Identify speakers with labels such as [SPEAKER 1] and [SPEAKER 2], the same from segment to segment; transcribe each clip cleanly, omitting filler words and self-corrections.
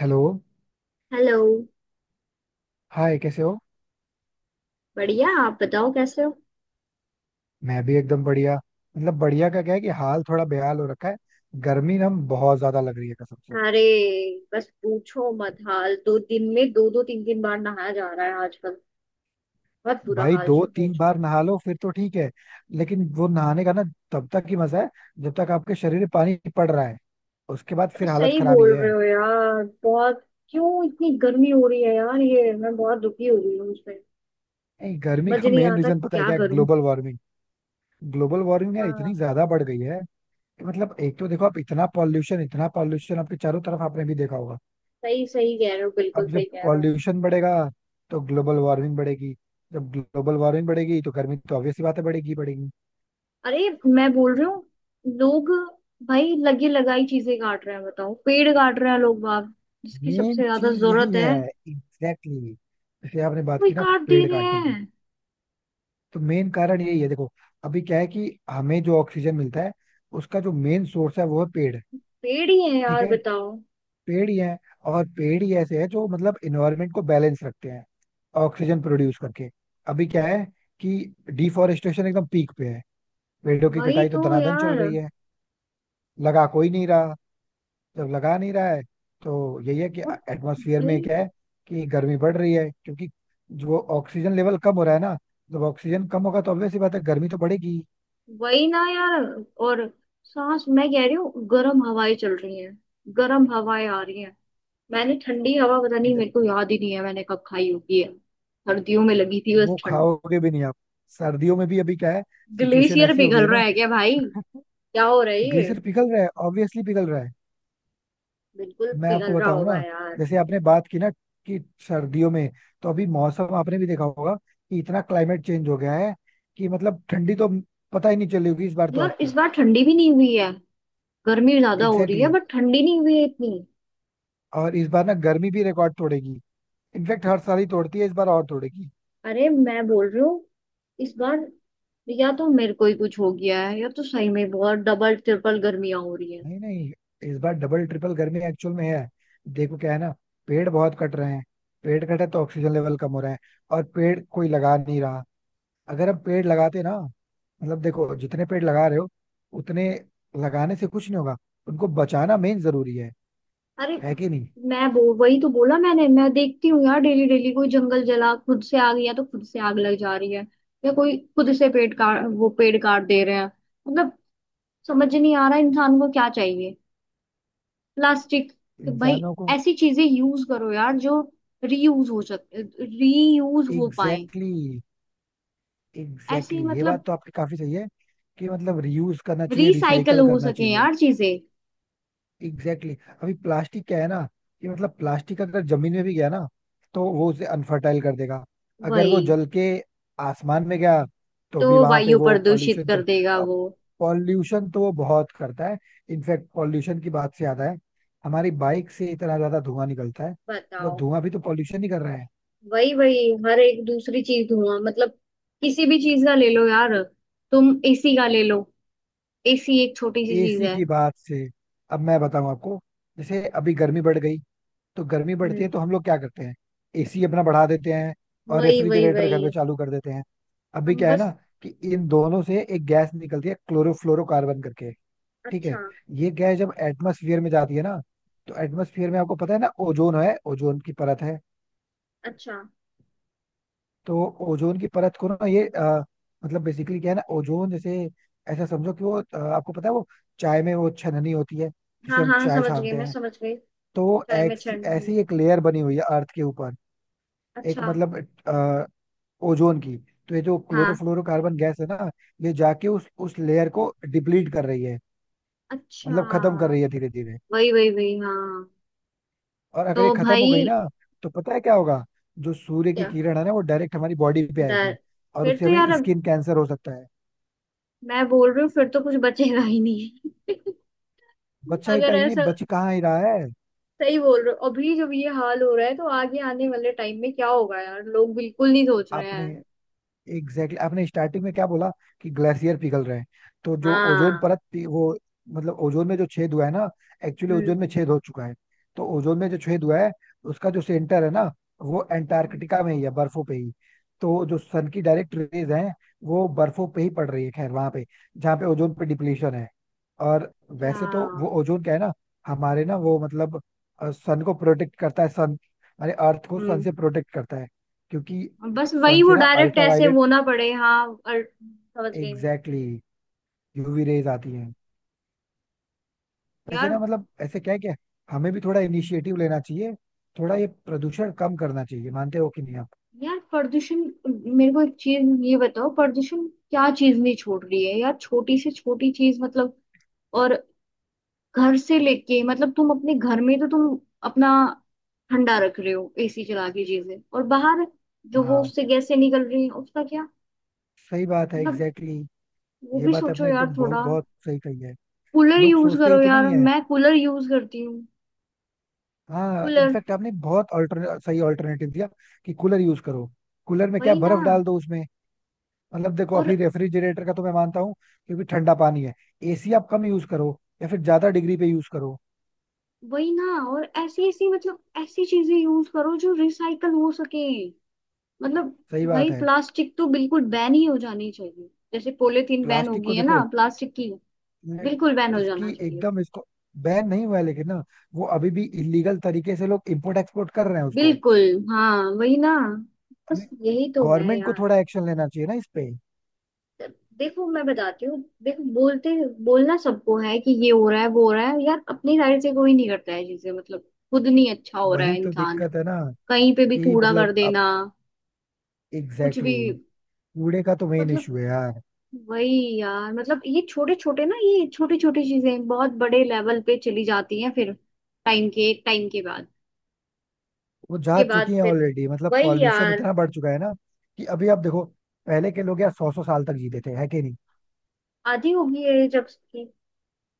[SPEAKER 1] Hello.
[SPEAKER 2] Hello.
[SPEAKER 1] Hi, कैसे हो?
[SPEAKER 2] बढ़िया आप बताओ कैसे हो।
[SPEAKER 1] मैं भी एकदम बढ़िया. मतलब बढ़िया का क्या है कि हाल थोड़ा बेहाल हो रखा है. गर्मी ना बहुत ज्यादा लग रही है कसम से.
[SPEAKER 2] अरे बस पूछो मत हाल 2 दिन में दो दो तीन तीन बार नहाया जा रहा है आजकल। बहुत बुरा
[SPEAKER 1] भाई
[SPEAKER 2] हाल
[SPEAKER 1] दो
[SPEAKER 2] हो
[SPEAKER 1] तीन बार
[SPEAKER 2] चुका
[SPEAKER 1] नहा लो फिर तो ठीक है. लेकिन वो नहाने का ना, तब तक ही मजा है जब तक आपके शरीर में पानी पड़ रहा है. उसके बाद
[SPEAKER 2] है। तो
[SPEAKER 1] फिर हालत
[SPEAKER 2] सही
[SPEAKER 1] खराब ही
[SPEAKER 2] बोल
[SPEAKER 1] है.
[SPEAKER 2] रहे हो यार बहुत। क्यों इतनी गर्मी हो रही है यार ये मैं बहुत दुखी हो रही हूँ उसमें।
[SPEAKER 1] नहीं, गर्मी
[SPEAKER 2] मज
[SPEAKER 1] का
[SPEAKER 2] नहीं
[SPEAKER 1] मेन
[SPEAKER 2] आता
[SPEAKER 1] रीजन पता है
[SPEAKER 2] क्या
[SPEAKER 1] क्या?
[SPEAKER 2] करूँ।
[SPEAKER 1] Global warming. ग्लोबल वार्मिंग यार इतनी
[SPEAKER 2] हाँ।
[SPEAKER 1] ज्यादा बढ़ गई है कि मतलब एक तो देखो, आप इतना पॉल्यूशन, इतना पॉल्यूशन आपके चारों तरफ, आपने भी देखा होगा.
[SPEAKER 2] सही सही कह रहे हो बिल्कुल
[SPEAKER 1] अब
[SPEAKER 2] सही
[SPEAKER 1] जब
[SPEAKER 2] कह रहे हो।
[SPEAKER 1] पॉल्यूशन बढ़ेगा तो ग्लोबल वार्मिंग बढ़ेगी. जब ग्लोबल वार्मिंग बढ़ेगी तो गर्मी तो ऑब्वियस सी बात है, बढ़ेगी ही बढ़ेगी.
[SPEAKER 2] अरे मैं बोल रही हूँ। लोग भाई लगे लगाई चीजें काट रहे हैं बताओ पेड़ काट रहे हैं लोग बाग। जिसकी सबसे
[SPEAKER 1] मेन
[SPEAKER 2] ज्यादा
[SPEAKER 1] चीज यही
[SPEAKER 2] जरूरत
[SPEAKER 1] है.
[SPEAKER 2] है
[SPEAKER 1] एग्जैक्टली exactly. जैसे आपने बात
[SPEAKER 2] वही
[SPEAKER 1] की ना
[SPEAKER 2] काट दे
[SPEAKER 1] पेड़
[SPEAKER 2] रहे
[SPEAKER 1] काटने
[SPEAKER 2] हैं।
[SPEAKER 1] की, तो मेन कारण यही है. देखो, अभी क्या है कि हमें जो ऑक्सीजन मिलता है, उसका जो मेन सोर्स है वो है पेड़.
[SPEAKER 2] पेड़ ही है
[SPEAKER 1] ठीक
[SPEAKER 2] यार
[SPEAKER 1] है.
[SPEAKER 2] बताओ।
[SPEAKER 1] पेड़ ही है. और पेड़ ही ऐसे है जो मतलब इन्वायरमेंट को बैलेंस रखते हैं ऑक्सीजन प्रोड्यूस करके. अभी क्या है कि डिफॉरेस्टेशन एकदम पीक पे है. पेड़ों की
[SPEAKER 2] वही
[SPEAKER 1] कटाई तो
[SPEAKER 2] तो
[SPEAKER 1] दनादन चल
[SPEAKER 2] यार।
[SPEAKER 1] रही है. लगा कोई नहीं रहा. जब लगा नहीं रहा है, तो यही है कि
[SPEAKER 2] और
[SPEAKER 1] एटमॉस्फेयर में
[SPEAKER 2] भाई।
[SPEAKER 1] क्या है कि गर्मी बढ़ रही है, क्योंकि जो ऑक्सीजन लेवल कम हो रहा है ना, जब ऑक्सीजन कम होगा तो ऑब्वियस सी बात है, गर्मी तो बढ़ेगी.
[SPEAKER 2] वही ना यार। और सांस मैं कह रही हूँ गर्म हवाएं चल रही हैं। गर्म हवाएं आ रही हैं। मैंने ठंडी हवा पता नहीं मेरे को
[SPEAKER 1] ज-
[SPEAKER 2] याद ही नहीं है मैंने कब खाई होगी है। सर्दियों में लगी थी बस
[SPEAKER 1] वो
[SPEAKER 2] ठंड।
[SPEAKER 1] खाओगे भी नहीं आप. सर्दियों में भी अभी क्या है, सिचुएशन
[SPEAKER 2] ग्लेशियर
[SPEAKER 1] ऐसी हो गई
[SPEAKER 2] पिघल
[SPEAKER 1] है
[SPEAKER 2] रहा
[SPEAKER 1] ना.
[SPEAKER 2] है क्या भाई। क्या हो रहा है ये।
[SPEAKER 1] ग्लेशियर पिघल रहा है, ऑब्वियसली पिघल रहा है.
[SPEAKER 2] बिल्कुल
[SPEAKER 1] मैं आपको
[SPEAKER 2] पिघल रहा
[SPEAKER 1] बताऊं
[SPEAKER 2] होगा
[SPEAKER 1] ना,
[SPEAKER 2] यार।
[SPEAKER 1] जैसे आपने बात की ना कि सर्दियों में, तो अभी मौसम आपने भी देखा होगा कि इतना क्लाइमेट चेंज हो गया है कि मतलब ठंडी तो पता ही नहीं चली होगी इस बार तो
[SPEAKER 2] यार इस
[SPEAKER 1] आपको.
[SPEAKER 2] बार ठंडी भी नहीं हुई है। गर्मी ज्यादा हो रही
[SPEAKER 1] एग्जैक्टली
[SPEAKER 2] है
[SPEAKER 1] exactly.
[SPEAKER 2] बट ठंडी नहीं हुई है इतनी।
[SPEAKER 1] और इस बार ना गर्मी भी रिकॉर्ड तोड़ेगी. इनफेक्ट हर साल ही तोड़ती है, इस बार और तोड़ेगी.
[SPEAKER 2] अरे मैं बोल रही हूँ इस बार या तो मेरे को ही कुछ हो गया है या तो सही में बहुत डबल ट्रिपल गर्मियां हो रही है।
[SPEAKER 1] नहीं, नहीं, इस बार डबल ट्रिपल गर्मी एक्चुअल में है. देखो क्या है ना, पेड़ बहुत कट रहे हैं. पेड़ कटे तो ऑक्सीजन लेवल कम हो रहा है, और पेड़ कोई लगा नहीं रहा. अगर हम पेड़ लगाते ना, मतलब देखो, जितने पेड़ लगा रहे हो, उतने लगाने से कुछ नहीं होगा. उनको बचाना मेन जरूरी है.
[SPEAKER 2] अरे।
[SPEAKER 1] है कि नहीं?
[SPEAKER 2] मैं वो वही तो बोला मैंने मैं देखती हूँ यार डेली डेली कोई जंगल जला खुद से आग या तो खुद से आग लग जा रही है। या कोई खुद से पेड़ काट वो पेड़ काट दे रहे हैं। मतलब। समझ नहीं आ रहा इंसान को क्या चाहिए। प्लास्टिक भाई।
[SPEAKER 1] इंसानों को.
[SPEAKER 2] ऐसी चीजें यूज करो यार जो रीयूज हो सके रीयूज हो पाए।
[SPEAKER 1] एग्जैक्टली, एग्जैक्टली
[SPEAKER 2] ऐसी
[SPEAKER 1] exactly. ये
[SPEAKER 2] मतलब।
[SPEAKER 1] बात तो आपकी काफी सही है कि मतलब रियूज करना चाहिए,
[SPEAKER 2] रिसाइकल
[SPEAKER 1] रिसाइकल
[SPEAKER 2] हो
[SPEAKER 1] करना
[SPEAKER 2] सके
[SPEAKER 1] चाहिए.
[SPEAKER 2] यार चीजें।
[SPEAKER 1] Exactly exactly. अभी प्लास्टिक क्या है ना, कि मतलब प्लास्टिक अगर जमीन में भी गया ना, तो वो उसे अनफर्टाइल कर देगा. अगर वो
[SPEAKER 2] वही
[SPEAKER 1] जल के आसमान में गया, तो
[SPEAKER 2] तो
[SPEAKER 1] भी वहां पे
[SPEAKER 2] वायु
[SPEAKER 1] वो
[SPEAKER 2] प्रदूषित
[SPEAKER 1] पॉल्यूशन
[SPEAKER 2] कर
[SPEAKER 1] करे.
[SPEAKER 2] देगा
[SPEAKER 1] अब
[SPEAKER 2] वो।
[SPEAKER 1] पॉल्यूशन तो वो बहुत करता है. इनफैक्ट पॉल्यूशन की बात से आता है, हमारी बाइक से इतना ज्यादा धुआं निकलता है. वो
[SPEAKER 2] बताओ।
[SPEAKER 1] धुआं भी तो पॉल्यूशन ही कर रहा है.
[SPEAKER 2] वही वही हर एक दूसरी चीज धुआं मतलब। किसी भी चीज का ले लो यार। तुम एसी का ले लो। एसी एक छोटी सी चीज
[SPEAKER 1] एसी
[SPEAKER 2] है।
[SPEAKER 1] की बात से, अब मैं बताऊं आपको, जैसे अभी गर्मी बढ़ गई, तो गर्मी बढ़ती
[SPEAKER 2] हम्म।
[SPEAKER 1] है तो हम लोग क्या करते हैं, एसी अपना बढ़ा देते हैं और
[SPEAKER 2] वही वही
[SPEAKER 1] रेफ्रिजरेटर घर
[SPEAKER 2] वही।
[SPEAKER 1] पे चालू कर देते हैं. अभी
[SPEAKER 2] हम
[SPEAKER 1] क्या है ना,
[SPEAKER 2] बस।
[SPEAKER 1] कि इन दोनों से एक गैस निकलती है, क्लोरोफ्लोरोकार्बन करके. ठीक है.
[SPEAKER 2] अच्छा।
[SPEAKER 1] ये गैस जब एटमोसफियर में जाती है ना, तो एटमोसफियर में आपको पता है ना, ओजोन है, ओजोन की परत है.
[SPEAKER 2] अच्छा।
[SPEAKER 1] तो ओजोन की परत को ना, ये मतलब बेसिकली क्या है ना, ओजोन जैसे, ऐसा समझो कि वो आपको पता है वो चाय में वो छननी होती है
[SPEAKER 2] हाँ
[SPEAKER 1] जिसे हम
[SPEAKER 2] हाँ
[SPEAKER 1] चाय
[SPEAKER 2] समझ गई
[SPEAKER 1] छानते
[SPEAKER 2] मैं
[SPEAKER 1] हैं.
[SPEAKER 2] समझ गई।
[SPEAKER 1] तो
[SPEAKER 2] चाय में छंड
[SPEAKER 1] ऐसी
[SPEAKER 2] हूँ।
[SPEAKER 1] एक लेयर बनी हुई है अर्थ के ऊपर. एक
[SPEAKER 2] अच्छा।
[SPEAKER 1] मतलब अ, ओजोन की. तो ये जो
[SPEAKER 2] हाँ।
[SPEAKER 1] क्लोरोफ्लोरोकार्बन गैस है ना, ये जाके उस लेयर को डिप्लीट कर रही है,
[SPEAKER 2] अच्छा।
[SPEAKER 1] मतलब खत्म कर रही है धीरे धीरे.
[SPEAKER 2] वही वही वही हाँ।
[SPEAKER 1] और अगर ये
[SPEAKER 2] तो
[SPEAKER 1] खत्म हो गई
[SPEAKER 2] भाई।
[SPEAKER 1] ना, तो पता है क्या होगा, जो सूर्य की
[SPEAKER 2] क्या।
[SPEAKER 1] किरण है ना वो डायरेक्ट हमारी बॉडी पे
[SPEAKER 2] डर।
[SPEAKER 1] आएगी, और
[SPEAKER 2] फिर
[SPEAKER 1] उससे
[SPEAKER 2] तो
[SPEAKER 1] हमें
[SPEAKER 2] यार अब
[SPEAKER 1] स्किन कैंसर हो सकता है.
[SPEAKER 2] मैं बोल रही हूँ फिर तो कुछ बचेगा ही नहीं।
[SPEAKER 1] बच्चा ही
[SPEAKER 2] अगर
[SPEAKER 1] कहीं नहीं
[SPEAKER 2] ऐसा।
[SPEAKER 1] बच, कहाँ ही रहा है.
[SPEAKER 2] सही बोल रहे हो अभी जब ये हाल हो रहा है तो आगे आने वाले टाइम में क्या होगा यार लोग बिल्कुल नहीं सोच रहे
[SPEAKER 1] आपने
[SPEAKER 2] हैं।
[SPEAKER 1] Exactly exactly. आपने स्टार्टिंग में क्या बोला कि ग्लेशियर पिघल रहे हैं, तो जो ओजोन
[SPEAKER 2] हाँ।
[SPEAKER 1] परत थी, वो मतलब ओजोन में जो छेद हुआ है ना, एक्चुअली
[SPEAKER 2] हम्म।
[SPEAKER 1] ओजोन में छेद हो चुका है. तो ओजोन में जो छेद हुआ है, उसका जो सेंटर है ना, वो एंटार्कटिका में ही है, बर्फों पे ही. तो जो सन की डायरेक्ट रेज है, वो बर्फों पे ही पड़ रही है, खैर वहां पे, जहाँ पे ओजोन पे डिप्लीशन है. और वैसे तो वो
[SPEAKER 2] अच्छा।
[SPEAKER 1] ओजोन क्या है ना, हमारे ना वो मतलब सन को प्रोटेक्ट करता है, सन हमारे अर्थ को सन
[SPEAKER 2] हम्म।
[SPEAKER 1] से प्रोटेक्ट करता है. क्योंकि
[SPEAKER 2] बस
[SPEAKER 1] सन
[SPEAKER 2] वही वो
[SPEAKER 1] से ना
[SPEAKER 2] डायरेक्ट
[SPEAKER 1] अल्ट्रा,
[SPEAKER 2] ऐसे वो ना पड़े हाँ और समझ गई मैं।
[SPEAKER 1] एग्जैक्टली, यूवी रेज आती हैं. वैसे ना
[SPEAKER 2] यार।
[SPEAKER 1] मतलब ऐसे क्या है कि हमें भी थोड़ा इनिशिएटिव लेना चाहिए, थोड़ा ये प्रदूषण कम करना चाहिए. मानते हो कि नहीं आप?
[SPEAKER 2] यार प्रदूषण। मेरे को एक चीज ये बताओ प्रदूषण क्या चीज नहीं छोड़ रही है यार छोटी से छोटी चीज मतलब। और। घर से लेके मतलब तुम अपने घर में तो तुम अपना ठंडा रख रहे हो एसी चला के चीजें और बाहर जो वो
[SPEAKER 1] हाँ,
[SPEAKER 2] उससे गैसें निकल रही हैं उसका क्या।
[SPEAKER 1] सही बात है,
[SPEAKER 2] मतलब।
[SPEAKER 1] एग्जैक्टली.
[SPEAKER 2] वो
[SPEAKER 1] ये
[SPEAKER 2] भी
[SPEAKER 1] बात
[SPEAKER 2] सोचो
[SPEAKER 1] आपने
[SPEAKER 2] यार
[SPEAKER 1] एकदम बहुत
[SPEAKER 2] थोड़ा।
[SPEAKER 1] बहुत सही कही है.
[SPEAKER 2] कूलर
[SPEAKER 1] लोग
[SPEAKER 2] यूज
[SPEAKER 1] सोचते ही
[SPEAKER 2] करो
[SPEAKER 1] तो नहीं
[SPEAKER 2] यार
[SPEAKER 1] है.
[SPEAKER 2] मैं कूलर यूज करती हूँ।
[SPEAKER 1] हाँ,
[SPEAKER 2] कूलर।
[SPEAKER 1] इनफैक्ट आपने बहुत अल्टर सही ऑल्टरनेटिव दिया कि कूलर यूज करो. कूलर में क्या,
[SPEAKER 2] वही ना।
[SPEAKER 1] बर्फ डाल दो उसमें. मतलब देखो,
[SPEAKER 2] और।
[SPEAKER 1] अभी रेफ्रिजरेटर का तो मैं मानता हूँ, क्योंकि ठंडा पानी है. एसी आप कम यूज करो, या फिर ज्यादा डिग्री पे यूज करो.
[SPEAKER 2] वही ना। और ऐसी ऐसी मतलब ऐसी चीजें यूज करो जो रिसाइकल हो सके। मतलब।
[SPEAKER 1] सही बात
[SPEAKER 2] भाई
[SPEAKER 1] है.
[SPEAKER 2] प्लास्टिक तो बिल्कुल बैन ही हो जानी चाहिए जैसे पॉलीथीन बैन हो
[SPEAKER 1] प्लास्टिक को
[SPEAKER 2] गई है
[SPEAKER 1] देखो,
[SPEAKER 2] ना प्लास्टिक की।
[SPEAKER 1] मैं-
[SPEAKER 2] बिल्कुल बैन हो
[SPEAKER 1] इसकी
[SPEAKER 2] जाना चाहिए।
[SPEAKER 1] एकदम, इसको बैन नहीं हुआ है लेकिन ना, वो अभी भी इलीगल तरीके से लोग इंपोर्ट एक्सपोर्ट कर रहे हैं उसको.
[SPEAKER 2] बिल्कुल। हाँ वही ना।
[SPEAKER 1] अभी
[SPEAKER 2] बस यही तो है
[SPEAKER 1] गवर्नमेंट को
[SPEAKER 2] यार।
[SPEAKER 1] थोड़ा एक्शन लेना चाहिए ना इस पे.
[SPEAKER 2] देखो मैं बताती हूँ देखो बोलते बोलना सबको है कि ये हो रहा है वो हो रहा है यार अपनी साइड से कोई नहीं करता है चीजें मतलब। खुद नहीं अच्छा हो रहा
[SPEAKER 1] वही
[SPEAKER 2] है
[SPEAKER 1] तो
[SPEAKER 2] इंसान।
[SPEAKER 1] दिक्कत है ना
[SPEAKER 2] कहीं पे भी
[SPEAKER 1] कि
[SPEAKER 2] कूड़ा कर
[SPEAKER 1] मतलब अब,
[SPEAKER 2] देना। कुछ
[SPEAKER 1] एग्जैक्टली
[SPEAKER 2] भी
[SPEAKER 1] exactly, कूड़े का तो मेन
[SPEAKER 2] मतलब।
[SPEAKER 1] इशू है यार.
[SPEAKER 2] वही यार मतलब ये छोटे छोटे ना ये छोटी छोटी चीजें बहुत बड़े लेवल पे चली जाती हैं फिर। टाइम के बाद
[SPEAKER 1] वो जा
[SPEAKER 2] के बाद
[SPEAKER 1] चुकी है
[SPEAKER 2] फिर।
[SPEAKER 1] ऑलरेडी, मतलब
[SPEAKER 2] वही
[SPEAKER 1] पॉल्यूशन
[SPEAKER 2] यार।
[SPEAKER 1] इतना बढ़ चुका है ना, कि अभी आप देखो, पहले के लोग यार 100 100 साल तक जीते थे, है कि नहीं?
[SPEAKER 2] आधी होगी ये जब की।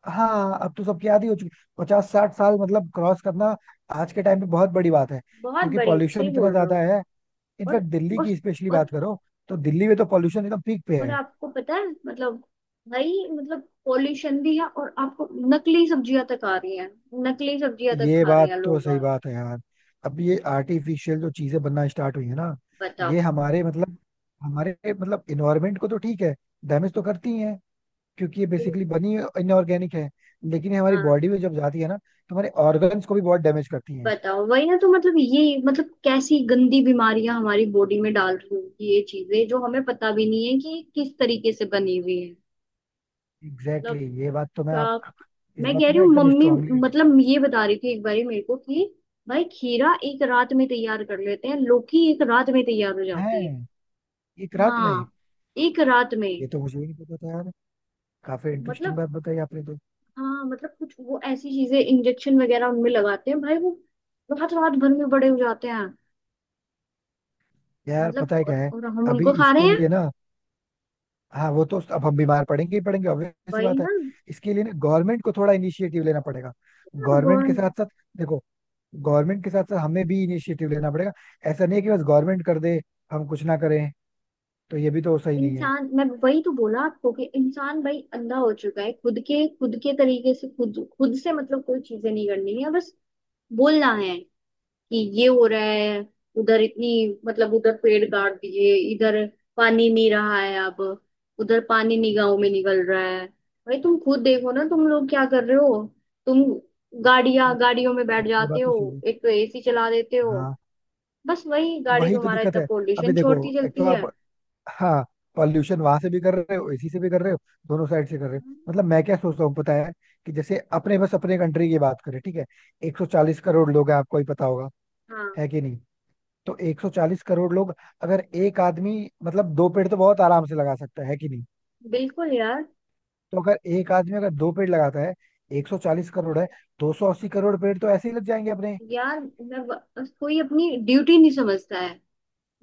[SPEAKER 1] हाँ, अब तो सबकी आदत हो चुकी, 50 60 साल मतलब क्रॉस करना आज के टाइम पे बहुत बड़ी बात है,
[SPEAKER 2] बहुत
[SPEAKER 1] क्योंकि
[SPEAKER 2] बड़ी
[SPEAKER 1] पॉल्यूशन
[SPEAKER 2] सही
[SPEAKER 1] इतना
[SPEAKER 2] बोल रहे
[SPEAKER 1] ज्यादा
[SPEAKER 2] हो।
[SPEAKER 1] है.
[SPEAKER 2] और।
[SPEAKER 1] इनफैक्ट दिल्ली
[SPEAKER 2] और।
[SPEAKER 1] की स्पेशली
[SPEAKER 2] और।
[SPEAKER 1] बात करो, तो दिल्ली में तो पॉल्यूशन एकदम पीक पे
[SPEAKER 2] और।
[SPEAKER 1] है.
[SPEAKER 2] आपको पता है मतलब। भाई मतलब पॉल्यूशन भी है और आपको। नकली सब्जियां तक आ रही हैं। नकली सब्जियां तक
[SPEAKER 1] ये
[SPEAKER 2] खा रहे
[SPEAKER 1] बात
[SPEAKER 2] हैं
[SPEAKER 1] तो
[SPEAKER 2] लोग
[SPEAKER 1] सही
[SPEAKER 2] आप।
[SPEAKER 1] बात है यार. अब ये आर्टिफिशियल जो चीजें बनना स्टार्ट हुई है ना,
[SPEAKER 2] बताओ।
[SPEAKER 1] ये हमारे मतलब इन्वायरमेंट को तो ठीक है, डैमेज तो करती ही है, क्योंकि ये
[SPEAKER 2] बिल-
[SPEAKER 1] बेसिकली बनी इनऑर्गेनिक है. लेकिन ये हमारी
[SPEAKER 2] हाँ।
[SPEAKER 1] बॉडी में जब जाती है ना, तो हमारे ऑर्गन्स को भी बहुत डैमेज करती है.
[SPEAKER 2] बताओ। वही ना तो मतलब ये मतलब कैसी गंदी बीमारियां हमारी बॉडी में डाल रही होगी ये चीजें जो हमें पता भी नहीं है कि किस तरीके से बनी हुई है। मतलब।
[SPEAKER 1] एग्जैक्टली, ये बात तो मैं
[SPEAKER 2] क्या।
[SPEAKER 1] आप, इस
[SPEAKER 2] मैं
[SPEAKER 1] बात
[SPEAKER 2] कह
[SPEAKER 1] से
[SPEAKER 2] रही
[SPEAKER 1] मैं
[SPEAKER 2] हूँ
[SPEAKER 1] एकदम
[SPEAKER 2] मम्मी
[SPEAKER 1] स्ट्रांगली.
[SPEAKER 2] मतलब ये बता रही थी एक बारी मेरे को कि भाई खीरा एक रात में तैयार कर लेते हैं लौकी एक रात में तैयार हो
[SPEAKER 1] है
[SPEAKER 2] जाती है।
[SPEAKER 1] एक रात में?
[SPEAKER 2] हाँ। एक रात में।
[SPEAKER 1] ये तो मुझे ही नहीं पता था यार, काफी इंटरेस्टिंग
[SPEAKER 2] मतलब।
[SPEAKER 1] बात बताई आपने तो.
[SPEAKER 2] हाँ मतलब कुछ वो ऐसी चीजें इंजेक्शन वगैरह उनमें लगाते हैं भाई वो रात रात भर में बड़े हो जाते हैं।
[SPEAKER 1] यार
[SPEAKER 2] मतलब
[SPEAKER 1] पता है क्या
[SPEAKER 2] और,
[SPEAKER 1] है,
[SPEAKER 2] और हम
[SPEAKER 1] अभी
[SPEAKER 2] उनको खा रहे
[SPEAKER 1] इसके
[SPEAKER 2] हैं।
[SPEAKER 1] लिए ना, हाँ वो तो, अब हम बीमार पड़ेंगे ही पड़ेंगे, ऑब्वियस सी
[SPEAKER 2] वही
[SPEAKER 1] बात है.
[SPEAKER 2] ना यार।
[SPEAKER 1] इसके लिए ना गवर्नमेंट को थोड़ा इनिशिएटिव लेना पड़ेगा. गवर्नमेंट के
[SPEAKER 2] भगवान।
[SPEAKER 1] साथ साथ, देखो, गवर्नमेंट के साथ साथ हमें भी इनिशिएटिव लेना पड़ेगा. ऐसा नहीं है कि बस गवर्नमेंट कर दे, हम कुछ ना करें, तो ये भी तो सही नहीं है.
[SPEAKER 2] इंसान मैं वही तो बोला आपको कि इंसान भाई अंधा हो चुका है खुद के तरीके से खुद खुद से मतलब कोई चीजें नहीं करनी है बस। बोलना है। कि ये हो रहा है। उधर इतनी। मतलब उधर पेड़ काट दिए इधर। पानी नहीं रहा है अब। उधर पानी नहीं गाँव में निकल रहा है। भाई तुम खुद देखो ना तुम लोग क्या कर रहे हो। तुम। गाड़ियां गाड़ियों में बैठ
[SPEAKER 1] ये
[SPEAKER 2] जाते
[SPEAKER 1] बात तो
[SPEAKER 2] हो।
[SPEAKER 1] सही है.
[SPEAKER 2] एक तो एसी चला देते हो।
[SPEAKER 1] हाँ,
[SPEAKER 2] बस वही गाड़ी
[SPEAKER 1] वही तो
[SPEAKER 2] तुम्हारा
[SPEAKER 1] दिक्कत
[SPEAKER 2] इतना
[SPEAKER 1] है. अभी
[SPEAKER 2] पोल्यूशन
[SPEAKER 1] देखो,
[SPEAKER 2] छोड़ती
[SPEAKER 1] एक तो
[SPEAKER 2] चलती है।
[SPEAKER 1] आप, हाँ, पॉल्यूशन वहां से भी कर रहे हो, इसी से भी कर रहे हो, दोनों साइड से कर रहे हो. मतलब मैं क्या सोचता हूँ पता है, कि जैसे अपने बस अपने कंट्री की बात करें, ठीक है, 140 करोड़ लोग हैं, आपको ही पता होगा,
[SPEAKER 2] हाँ।
[SPEAKER 1] है कि नहीं? तो 140 करोड़ लोग, अगर एक आदमी, मतलब दो पेड़ तो बहुत आराम से लगा सकता है कि नहीं?
[SPEAKER 2] बिल्कुल यार।
[SPEAKER 1] तो अगर एक आदमी अगर दो पेड़ लगाता है, 140 करोड़ है, 280 करोड़ पेड़ तो ऐसे ही लग जाएंगे अपने.
[SPEAKER 2] यार मैं कोई अपनी ड्यूटी नहीं समझता है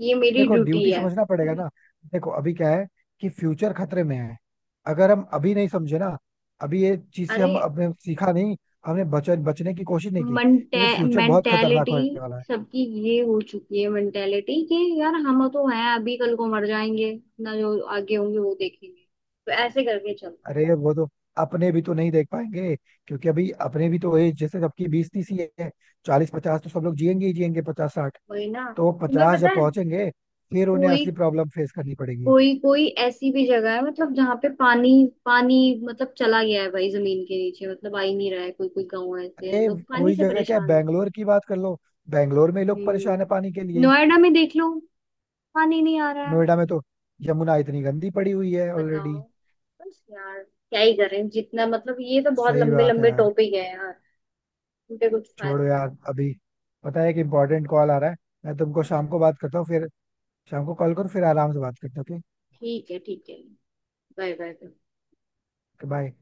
[SPEAKER 2] ये मेरी
[SPEAKER 1] देखो,
[SPEAKER 2] ड्यूटी
[SPEAKER 1] ड्यूटी
[SPEAKER 2] है।
[SPEAKER 1] समझना पड़ेगा ना. देखो अभी क्या है कि फ्यूचर खतरे में है. अगर हम अभी नहीं समझे ना, अभी ये चीज से
[SPEAKER 2] अरे।
[SPEAKER 1] हम अपने सीखा नहीं, हमने बच बचने की कोशिश नहीं की, तो फिर फ्यूचर बहुत खतरनाक
[SPEAKER 2] मेंटेलिटी
[SPEAKER 1] होने वाला है.
[SPEAKER 2] सबकी ये हो चुकी है मेंटेलिटी कि यार हम तो हैं अभी कल को मर जाएंगे ना जो आगे होंगे वो देखेंगे तो ऐसे करके चलो।
[SPEAKER 1] अरे वो तो अपने भी तो नहीं देख पाएंगे, क्योंकि अभी अपने भी तो एज जैसे सबकी 20 30 ही है. 40 50 तो सब लोग जिएंगे ही जिएंगे, 50 60.
[SPEAKER 2] वही ना।
[SPEAKER 1] तो वो
[SPEAKER 2] तुम्हें
[SPEAKER 1] 50
[SPEAKER 2] पता
[SPEAKER 1] जब
[SPEAKER 2] है
[SPEAKER 1] पहुंचेंगे, फिर उन्हें
[SPEAKER 2] कोई।
[SPEAKER 1] असली प्रॉब्लम फेस करनी पड़ेगी.
[SPEAKER 2] कोई कोई ऐसी भी जगह है मतलब जहाँ पे पानी। पानी। मतलब चला गया है भाई जमीन के नीचे मतलब आ ही नहीं रहा है कोई कोई गाँव ऐसे
[SPEAKER 1] अरे
[SPEAKER 2] हैं, लोग पानी
[SPEAKER 1] कोई
[SPEAKER 2] से
[SPEAKER 1] जगह क्या है,
[SPEAKER 2] परेशान है।
[SPEAKER 1] बैंगलोर की बात कर लो. बैंगलोर में लोग परेशान है पानी के
[SPEAKER 2] हम्म।
[SPEAKER 1] लिए.
[SPEAKER 2] नोएडा में देख लो। पानी नहीं आ रहा है।
[SPEAKER 1] नोएडा में तो यमुना इतनी गंदी पड़ी हुई है ऑलरेडी.
[SPEAKER 2] बताओ। बस यार क्या ही करें जितना मतलब ये तो बहुत
[SPEAKER 1] सही
[SPEAKER 2] लंबे
[SPEAKER 1] बात है
[SPEAKER 2] लंबे
[SPEAKER 1] यार.
[SPEAKER 2] टॉपिक है यार। उनके कुछ
[SPEAKER 1] छोड़ो
[SPEAKER 2] फायदा नहीं।
[SPEAKER 1] यार अभी, पता है कि इंपॉर्टेंट कॉल आ रहा है. मैं तुमको
[SPEAKER 2] अच्छा।
[SPEAKER 1] शाम को बात करता हूँ फिर. शाम को कॉल करो फिर आराम से बात करते हैं.
[SPEAKER 2] ठीक है ठीक है। Bye bye.
[SPEAKER 1] Okay bye.